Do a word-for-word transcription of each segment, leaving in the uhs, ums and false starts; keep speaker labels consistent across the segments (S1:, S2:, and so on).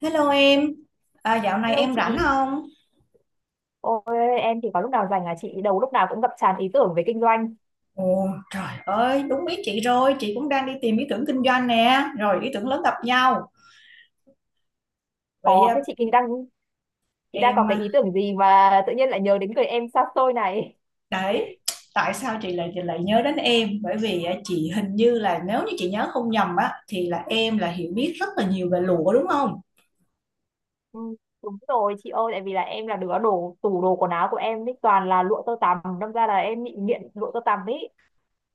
S1: Hello em, à, dạo này
S2: Hello
S1: em rảnh
S2: chị,
S1: không?
S2: ôi em thì có lúc nào rảnh là chị đầu lúc nào cũng ngập tràn ý tưởng về kinh doanh.
S1: Ồ trời ơi, đúng ý chị rồi, chị cũng đang đi tìm ý tưởng kinh doanh nè, rồi ý tưởng lớn gặp nhau. Vậy
S2: Có
S1: à,
S2: thế chị kinh đang Chị đang có
S1: em,
S2: cái
S1: à,
S2: ý tưởng gì mà tự nhiên lại nhớ đến người em xa xôi này.
S1: đấy, tại sao chị lại chị lại nhớ đến em? Bởi vì à, chị hình như là nếu như chị nhớ không nhầm á, thì là em là hiểu biết rất là nhiều về lụa đúng không?
S2: Ừ, đúng rồi chị ơi, tại vì là em là đứa đồ tủ đồ quần áo của em ấy toàn là lụa tơ tằm, đâm ra là em bị nghiện lụa tơ tằm ấy.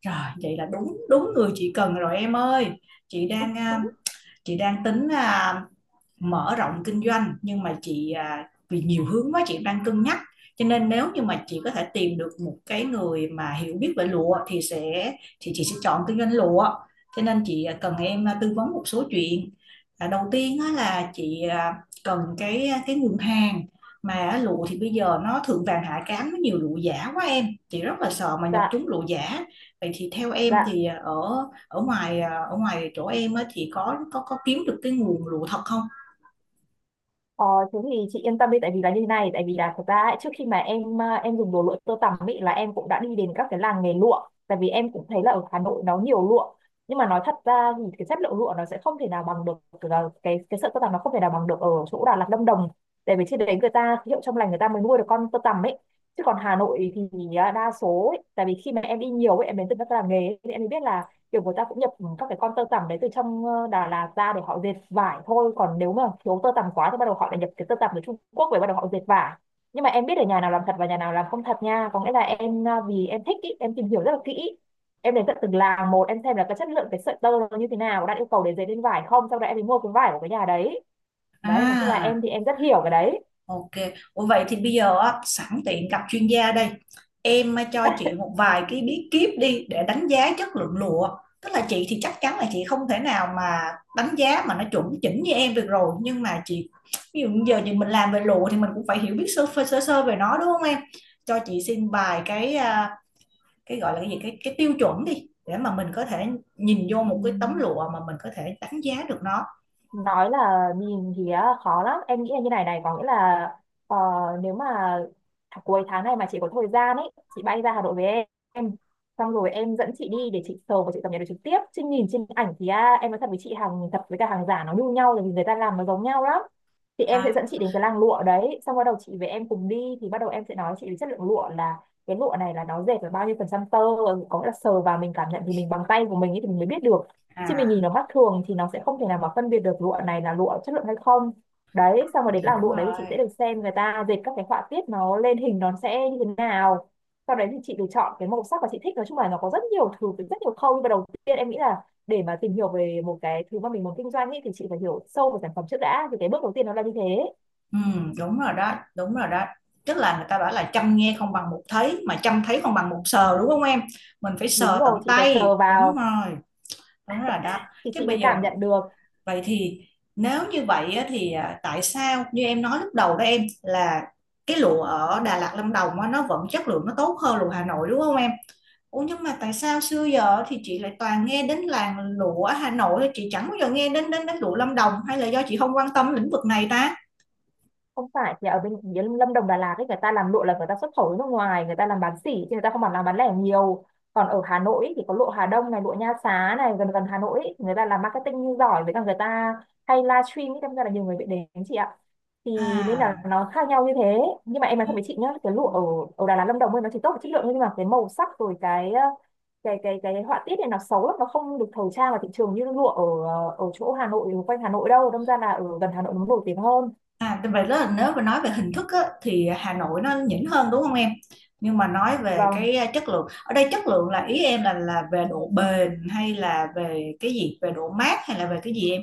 S1: Rồi, vậy là đúng đúng người chị cần rồi em ơi. Chị đang à, chị đang tính à, mở rộng kinh doanh nhưng mà chị à, vì nhiều hướng quá chị đang cân nhắc cho nên nếu như mà chị có thể tìm được một cái người mà hiểu biết về lụa thì sẽ thì chị sẽ chọn kinh doanh lụa cho nên chị à, cần em à, tư vấn một số chuyện. À, đầu tiên á, là chị à, cần cái à, cái nguồn hàng mà á, lụa thì bây giờ nó thượng vàng hạ cám nó nhiều lụa giả quá em, chị rất là sợ mà nhập
S2: Dạ,
S1: trúng lụa giả. Vậy thì theo em
S2: dạ.
S1: thì à, ở ở ngoài à, ở ngoài chỗ em á, thì có có có kiếm được cái nguồn lụa thật không?
S2: Ờ, thế thì chị yên tâm đi, tại vì là như thế này, tại vì là thật ra ấy, trước khi mà em à, em dùng đồ lụa tơ tằm ấy là em cũng đã đi đến các cái làng nghề lụa, tại vì em cũng thấy là ở Hà Nội nó nhiều lụa, nhưng mà nói thật ra thì cái chất lượng lụa nó sẽ không thể nào bằng được cái cái, cái sợi tơ tằm, nó không thể nào bằng được ở chỗ Đà Lạt Lâm Đồng, tại vì trên đấy người ta hiệu trong lành người ta mới nuôi được con tơ tằm ấy. Chứ còn Hà Nội thì à, đa số ấy, tại vì khi mà em đi nhiều ấy, em đến từ các làng nghề ấy, thì em mới biết là kiểu người ta cũng nhập các cái con tơ tằm đấy từ trong ờ, Đà Lạt ra để họ dệt vải thôi, còn nếu mà thiếu tơ tằm quá thì bắt đầu họ lại nhập cái tơ tằm từ Trung Quốc về bắt đầu họ dệt vải. Nhưng mà em biết được nhà nào làm thật và nhà nào làm không thật nha, có nghĩa là em ờ, vì em thích ý, em tìm hiểu rất là kỹ, em đến tận từng làng một, em xem là cái chất lượng cái sợi tơ nó như thế nào, đạt yêu cầu để dệt lên vải không, sau đó em mới mua cái vải của cái nhà đấy. Đấy, nói chung là em
S1: À,
S2: thì em rất hiểu cái đấy.
S1: ok. Ủa vậy thì bây giờ á, sẵn tiện gặp chuyên gia đây. Em á, cho chị một vài cái bí kíp đi để đánh giá chất lượng lụa. Tức là chị thì chắc chắn là chị không thể nào mà đánh giá mà nó chuẩn chỉnh như em được rồi. Nhưng mà chị, ví dụ như giờ thì mình làm về lụa thì mình cũng phải hiểu biết sơ sơ, sơ, sơ về nó đúng không em? Cho chị xin vài cái à, cái gọi là cái gì cái cái tiêu chuẩn đi để mà mình có thể nhìn vô
S2: Ừ.
S1: một cái tấm lụa mà mình có thể đánh giá được nó.
S2: Nói là nhìn thì á, khó lắm, em nghĩ là như này này, có nghĩa là ờ, nếu mà th- cuối tháng này mà chị có thời gian ấy, chị bay ra Hà Nội với em, xong rồi em dẫn chị đi để chị sờ và chị cập nhật được trực tiếp, chứ nhìn trên ảnh thì à, em nói thật với chị, hàng thật với cả hàng giả nó như nhau là vì người ta làm nó giống nhau lắm. Thì em sẽ
S1: À,
S2: dẫn chị đến cái làng lụa đấy, xong bắt đầu chị với em cùng đi thì bắt đầu em sẽ nói chị về chất lượng lụa là cái lụa này là nó dệt là bao nhiêu phần trăm tơ, có nghĩa là sờ vào mình cảm nhận thì mình bằng tay của mình ấy thì mình mới biết được, chứ mình
S1: à
S2: nhìn nó mắt thường thì nó sẽ không thể nào mà phân biệt được lụa này là lụa chất lượng hay không. Đấy, xong rồi đến
S1: hiểu
S2: làng lụa đấy thì chị sẽ
S1: rồi.
S2: được xem người ta dệt các cái họa tiết nó lên hình nó sẽ như thế nào, sau đấy thì chị được chọn cái màu sắc mà chị thích. Nói chung là nó có rất nhiều thứ, rất nhiều khâu, nhưng mà đầu tiên em nghĩ là để mà tìm hiểu về một cái thứ mà mình muốn kinh doanh ấy, thì chị phải hiểu sâu về sản phẩm trước đã, thì cái bước đầu tiên nó là như thế.
S1: Ừ, đúng rồi đó, đúng rồi đó. Tức là người ta bảo là chăm nghe không bằng một thấy, mà chăm thấy không bằng một sờ đúng không em? Mình phải
S2: Đúng
S1: sờ tận
S2: rồi, chị phải sờ
S1: tay, đúng
S2: vào
S1: rồi, đúng rồi đó.
S2: thì
S1: Chứ
S2: chị mới
S1: bây giờ
S2: cảm nhận được.
S1: vậy thì nếu như vậy á, thì à, tại sao như em nói lúc đầu đó em là cái lụa ở Đà Lạt Lâm Đồng á, nó vẫn chất lượng nó tốt hơn lụa Hà Nội đúng không em? Ủa nhưng mà tại sao xưa giờ thì chị lại toàn nghe đến làng lụa Hà Nội, chị chẳng bao giờ nghe đến đến đến lụa Lâm Đồng hay là do chị không quan tâm lĩnh vực này ta?
S2: Không phải, thì ở bên phía Lâm Đồng Đà Lạt ấy người ta làm lụa là người ta xuất khẩu đến nước ngoài, người ta làm bán sỉ chứ người ta không làm làm bán lẻ nhiều. Còn ở Hà Nội ấy, thì có lụa Hà Đông này, lụa Nha Xá này, gần gần Hà Nội ấy, người ta làm marketing giỏi với cả người ta hay livestream ấy, đâm ra là nhiều người bị đến chị ạ, thì nên là
S1: À.
S2: nó khác nhau như thế. Nhưng mà em nói
S1: Ừ.
S2: thật với chị nhá, cái lụa ở ở Đà Lạt Lâm Đồng ấy nó chỉ tốt về chất lượng thôi, nhưng mà cái màu sắc rồi cái ờ, cái cái cái họa tiết này nó xấu lắm, nó không được thời trang vào thị trường như lụa ở ờ, ở chỗ Hà Nội quanh Hà Nội đâu, đâm ra là ở gần Hà Nội nó nổi tiếng hơn.
S1: À, tại vậy là nếu mà nói về hình thức á, thì Hà Nội nó nhỉnh hơn đúng không em? Nhưng mà nói về
S2: Vâng.
S1: cái à, chất lượng, ở đây chất lượng là ý em là là về độ bền hay là về cái gì? Về độ mát hay là về cái gì em?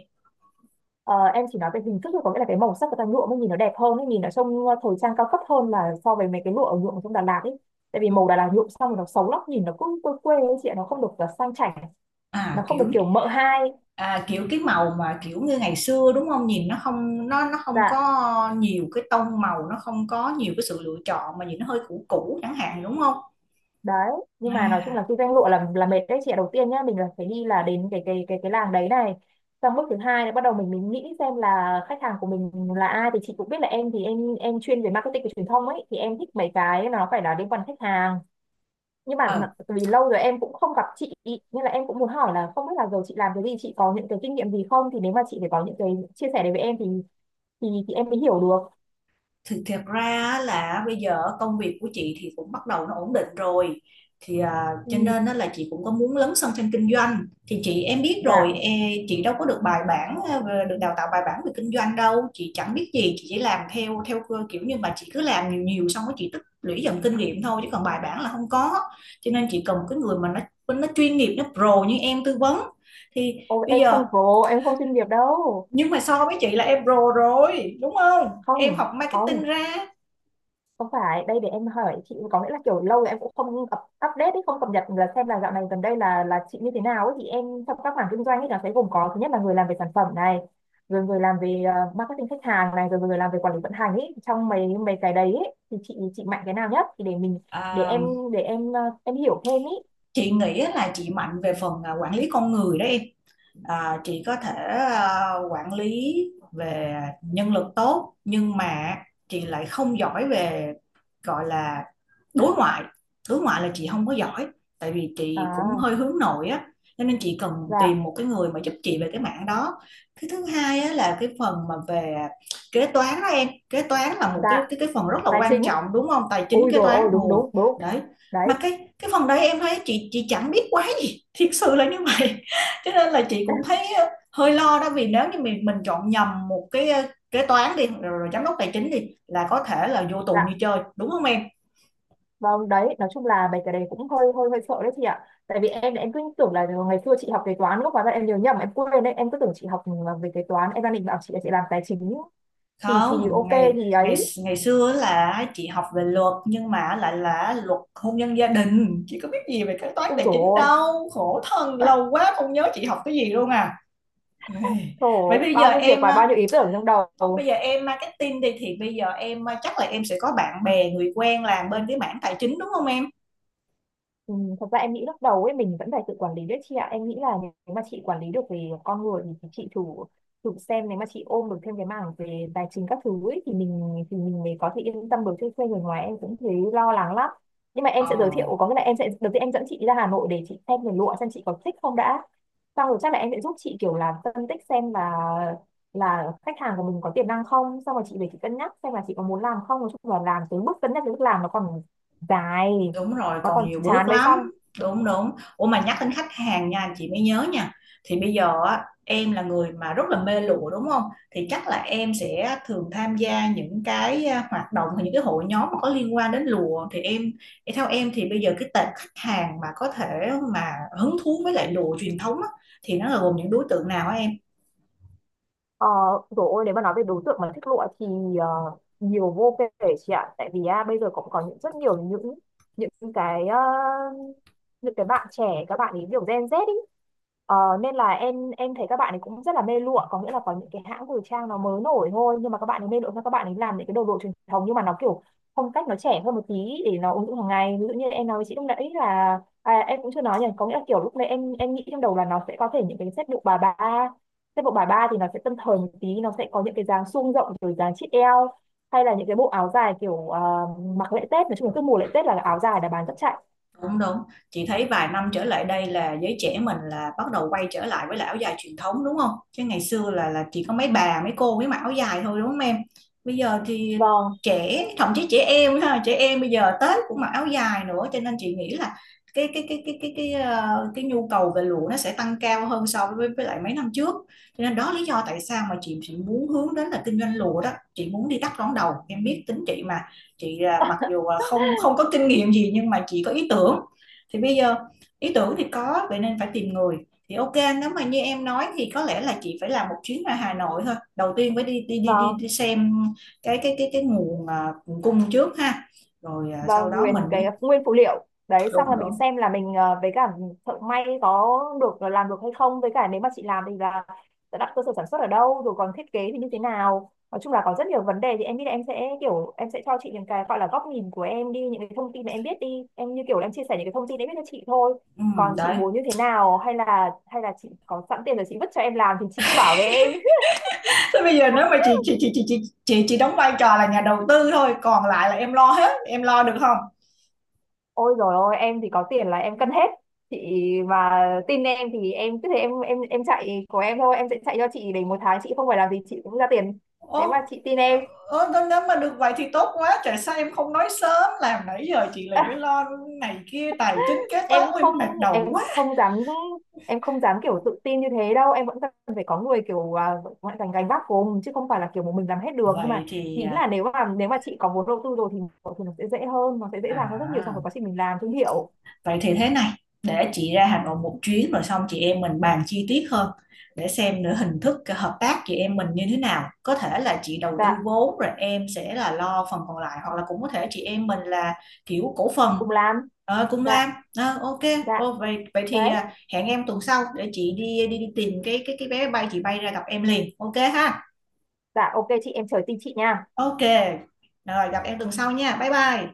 S2: Ờ, em chỉ nói về hình thức thôi, có nghĩa là cái màu sắc của ta lụa mới nhìn nó đẹp hơn ấy, nhìn nó trông ờ, thời trang cao cấp hơn là so với mấy cái lụa ở nhuộm ở trong Đà Lạt ấy. Tại vì màu Đà Lạt nhuộm xong rồi nó xấu lắm, nhìn nó cứ quê quê ấy chị ạ, nó không được ờ, sang chảnh, nó
S1: À
S2: không được
S1: kiểu
S2: kiểu mợ hai.
S1: à, kiểu cái màu mà kiểu như ngày xưa đúng không? Nhìn nó không nó nó không
S2: Dạ,
S1: có nhiều cái tông màu, nó không có nhiều cái sự lựa chọn mà nhìn nó hơi cũ cũ chẳng hạn đúng không?
S2: đấy. Nhưng mà nói chung là kinh doanh lụa là là mệt đấy chị ạ. Đầu tiên nhá, mình là phải đi là đến cái cái cái cái làng đấy này. Xong bước thứ hai là bắt đầu mình mình nghĩ xem là khách hàng của mình là ai, thì chị cũng biết là em thì em em chuyên về marketing và truyền thông ấy, thì em thích mấy cái nó phải là liên quan đến khách hàng. Nhưng mà
S1: À
S2: vì lâu rồi em cũng không gặp chị ý, nên là em cũng muốn hỏi là không biết là giờ chị làm cái gì, chị có những cái kinh nghiệm gì không, thì nếu mà chị phải có những cái chia sẻ đấy với em thì thì, thì em mới hiểu được.
S1: thì thiệt ra là bây giờ công việc của chị thì cũng bắt đầu nó ổn định rồi thì à, cho
S2: Ừ,
S1: nên á là chị cũng có muốn lấn sân sang kinh doanh thì chị em biết rồi
S2: dạ.
S1: e, chị đâu có được bài bản à, được đào tạo bài bản về kinh doanh đâu, chị chẳng biết gì, chị chỉ làm theo theo cơ kiểu như mà chị cứ làm nhiều nhiều xong rồi chị tích lũy dần kinh nghiệm thôi chứ còn bài bản là không có, cho nên chị cần một cái người mà nó nó chuyên nghiệp, nó pro như em tư vấn. Thì
S2: Ô,
S1: bây
S2: em
S1: giờ
S2: không pro, em không chuyên nghiệp đâu.
S1: nhưng mà so với chị là em pro rồi đúng không? Em
S2: Không,
S1: học marketing
S2: không,
S1: ra.
S2: không phải, đây để em hỏi chị có nghĩa là kiểu lâu rồi em cũng không up, update ấy, không cập nhật là xem là dạo này gần đây là là chị như thế nào ấy, thì em trong các mảng kinh doanh ấy nó sẽ gồm có thứ nhất là người làm về sản phẩm này, rồi người làm về ờ, marketing khách hàng này, rồi người làm về quản lý vận hành ấy, trong mấy mấy cái đấy ấy, thì chị chị mạnh cái nào nhất thì để mình để
S1: À,
S2: em để em ờ, em hiểu thêm ý.
S1: chị nghĩ là chị mạnh về phần à, quản lý con người đó em, à, chị có thể à, quản lý về nhân lực tốt nhưng mà chị lại không giỏi về gọi là đối ngoại, đối ngoại là chị không có giỏi tại vì chị cũng
S2: À,
S1: hơi hướng nội á, cho nên chị cần
S2: dạ.
S1: tìm một cái người mà giúp chị về cái mảng đó. Cái thứ hai á, là cái phần mà về kế toán đó em, kế toán là một cái
S2: Dạ,
S1: cái cái phần rất là
S2: tài
S1: quan
S2: chính.
S1: trọng đúng không? Tài chính
S2: Ôi
S1: kế
S2: rồi
S1: toán
S2: ôi, đúng
S1: rồi
S2: đúng đúng.
S1: đấy, mà
S2: Đấy.
S1: cái cái phần đấy em thấy chị chị chẳng biết quá gì, thiệt sự là như vậy, cho nên là chị cũng thấy ờ, hơi lo đó vì nếu như mình mình chọn nhầm một cái ờ, kế toán đi rồi, rồi giám đốc tài chính đi là có thể là vô tù như
S2: Dạ.
S1: chơi đúng không em?
S2: Vâng đấy, nói chung là mấy cái đấy cũng hơi hơi hơi sợ đấy chị ạ. Tại vì em em cứ tưởng là ngày xưa chị học kế toán lúc hóa ra em nhớ nhầm em quên đấy, em cứ tưởng chị học ừ, về kế toán, em đang định bảo chị là chị làm tài chính thì thì
S1: Không,
S2: ok
S1: ngày
S2: thì
S1: ngày
S2: ấy.
S1: ngày xưa là chị học về luật nhưng mà lại là luật hôn nhân gia đình, chị có biết gì về kế toán
S2: Ui
S1: tài
S2: dồi
S1: chính
S2: ôi,
S1: đâu, khổ thân lâu quá không nhớ chị học cái gì luôn à. Ê,
S2: trời
S1: vậy
S2: ơi,
S1: bây giờ
S2: bao nhiêu việc
S1: em
S2: và
S1: ờ,
S2: bao nhiêu ý tưởng trong
S1: bây
S2: đầu.
S1: giờ em marketing đi thì bây giờ em ờ, chắc là em sẽ có bạn bè người quen làm bên cái mảng tài chính đúng không em?
S2: Ừ, thật ra em nghĩ lúc đầu ấy mình vẫn phải tự quản lý đấy chị ạ, em nghĩ là nếu mà chị quản lý được về con người thì chị thử thử xem nếu mà chị ôm được thêm cái mảng về tài chính các thứ ấy, thì mình thì mình mới có thể yên tâm được, chứ thuê người ngoài em cũng thấy lo lắng lắm. Nhưng mà
S1: Ờ.
S2: em sẽ giới thiệu, có nghĩa là em sẽ đầu tiên em dẫn chị ra Hà Nội để chị xem về lụa, xem chị có thích không đã, xong rồi chắc là em sẽ giúp chị kiểu là phân tích xem là là khách hàng của mình có tiềm năng không, xong rồi chị về chị cân nhắc xem là chị có muốn làm không. Nói chung là làm tới bước cân nhắc đến bước làm nó còn dài,
S1: Đúng rồi,
S2: nó
S1: còn
S2: còn
S1: nhiều bước
S2: chán mới xong.
S1: lắm. Đúng đúng. Ủa mà nhắc đến khách hàng nha, chị mới nhớ nha. Thì bây giờ á, em là người mà rất là mê lụa đúng không? Thì chắc là em sẽ thường tham gia những cái à, hoạt động hay những cái hội nhóm mà có liên quan đến lụa thì em theo em thì bây giờ cái tệp khách hàng mà có thể mà hứng thú với lại lụa truyền thống á, thì nó là gồm những đối tượng nào á em?
S2: ờ Rồi ôi, nếu mà nói về đối tượng mà thích lụa thì ờ, nhiều vô kể chị ạ, tại vì à, bây giờ cũng có những rất nhiều những những cái ờ, những cái bạn trẻ, các bạn ấy kiểu Gen Z ý. Ờ, nên là em em thấy các bạn ấy cũng rất là mê lụa, có nghĩa là có những cái hãng thời trang nó mới nổi thôi, nhưng mà các bạn ấy mê lụa cho các bạn ấy làm những cái đồ lụa truyền thống nhưng mà nó kiểu phong cách nó trẻ hơn một tí để nó ứng dụng hàng ngày. Ví dụ như em nói với chị lúc nãy là à, em cũng chưa nói nhỉ, có nghĩa là kiểu lúc nãy em em nghĩ trong đầu là nó sẽ có thể những cái set lụa bà ba. Thế bộ bài ba thì nó sẽ tân thời một tí, nó sẽ có những cái dáng suông rộng rồi dáng chít eo, hay là những cái bộ áo dài kiểu ờ, mặc lễ Tết, nói chung là cứ mùa lễ Tết là áo dài đã bán rất chạy.
S1: Đúng, đúng. Chị thấy vài năm trở lại đây là giới trẻ mình là bắt đầu quay trở lại với lại áo dài truyền thống đúng không? Chứ ngày xưa là là chỉ có mấy bà, mấy cô mới mặc áo dài thôi đúng không em? Bây giờ thì
S2: Vâng,
S1: trẻ, thậm chí trẻ em ha, trẻ em bây giờ Tết cũng mặc áo dài nữa cho nên chị nghĩ là cái cái cái cái cái cái ờ, cái nhu cầu về lụa nó sẽ tăng cao hơn so với với lại mấy năm trước. Cho nên đó lý do tại sao mà chị chị muốn hướng đến là kinh doanh lụa đó. Chị muốn đi đắp đón đầu. Em biết tính chị mà, chị à, mặc dù không không có kinh nghiệm gì nhưng mà chị có ý tưởng thì bây giờ ý tưởng thì có vậy nên phải tìm người. Thì ok nếu mà như em nói thì có lẽ là chị phải làm một chuyến ra Hà Nội thôi, đầu tiên phải đi đi đi đi,
S2: vâng.
S1: đi xem cái cái cái cái nguồn à, nguồn cung trước ha, rồi à,
S2: Và
S1: sau đó mình
S2: nguyên cái
S1: mới
S2: nguyên phụ liệu đấy xong
S1: đúng
S2: là mình
S1: đúng
S2: xem là mình ờ, với cả thợ may có được ờ, làm được hay không, với cả nếu mà chị làm thì là sẽ đặt cơ sở sản xuất ở đâu, rồi còn thiết kế thì như thế nào. Nói chung là có rất nhiều vấn đề, thì em nghĩ là em sẽ kiểu em sẽ cho chị những cái gọi là góc nhìn của em đi, những cái thông tin mà em biết đi, em như kiểu là em chia sẻ những cái thông tin em biết cho chị thôi,
S1: ừ,
S2: còn chị
S1: đấy
S2: muốn như thế nào, hay là hay là chị có sẵn tiền rồi chị vứt cho em làm thì chị cứ bảo với em.
S1: thế bây giờ nếu mà chị chị chị chị chị chị, chị đóng vai trò là nhà đầu tư thôi còn lại là em lo hết, em lo được không?
S2: Ôi rồi ôi, em thì có tiền là em cân hết chị, mà tin em thì em cứ thế em em em chạy của em thôi, em sẽ chạy cho chị để một tháng chị không phải làm gì chị cũng ra tiền, nếu mà
S1: Ồ,
S2: chị tin em.
S1: ơ, thế nếu mà được vậy thì tốt quá, tại sao em không nói sớm, làm nãy giờ chị lại phải lo này kia tài chính kế
S2: em
S1: toán,
S2: không
S1: em mệt đầu
S2: em
S1: quá.
S2: không dám em không dám kiểu tự tin như thế đâu, em vẫn cần phải có người kiểu à, vẫn gánh gánh vác cùng chứ không phải là kiểu một mình làm hết được. Nhưng
S1: Vậy
S2: mà
S1: thì
S2: ý
S1: à,
S2: là nếu mà nếu mà chị có vốn đầu tư rồi thì thì nó sẽ dễ hơn, nó sẽ dễ dàng hơn rất nhiều trong
S1: à,
S2: cái quá trình mình làm thương hiệu.
S1: vậy thì thế này, để chị ra Hà Nội một chuyến rồi xong chị em mình bàn chi tiết hơn để xem nữa hình thức cái hợp tác chị em mình như thế nào. Có thể là chị đầu
S2: Dạ,
S1: tư vốn rồi em sẽ là lo phần còn lại hoặc là cũng có thể chị em mình là kiểu cổ phần
S2: cùng làm.
S1: ờ, cùng làm.
S2: Dạ,
S1: Ờ, ok,
S2: dạ,
S1: ờ, vậy vậy thì
S2: đấy.
S1: à, hẹn em tuần sau để chị đi đi, đi tìm cái cái cái vé bay chị bay ra gặp em liền. Ok ha.
S2: Dạ, ok chị, em chờ tin chị nha.
S1: Ok. Rồi gặp em tuần sau nha. Bye bye.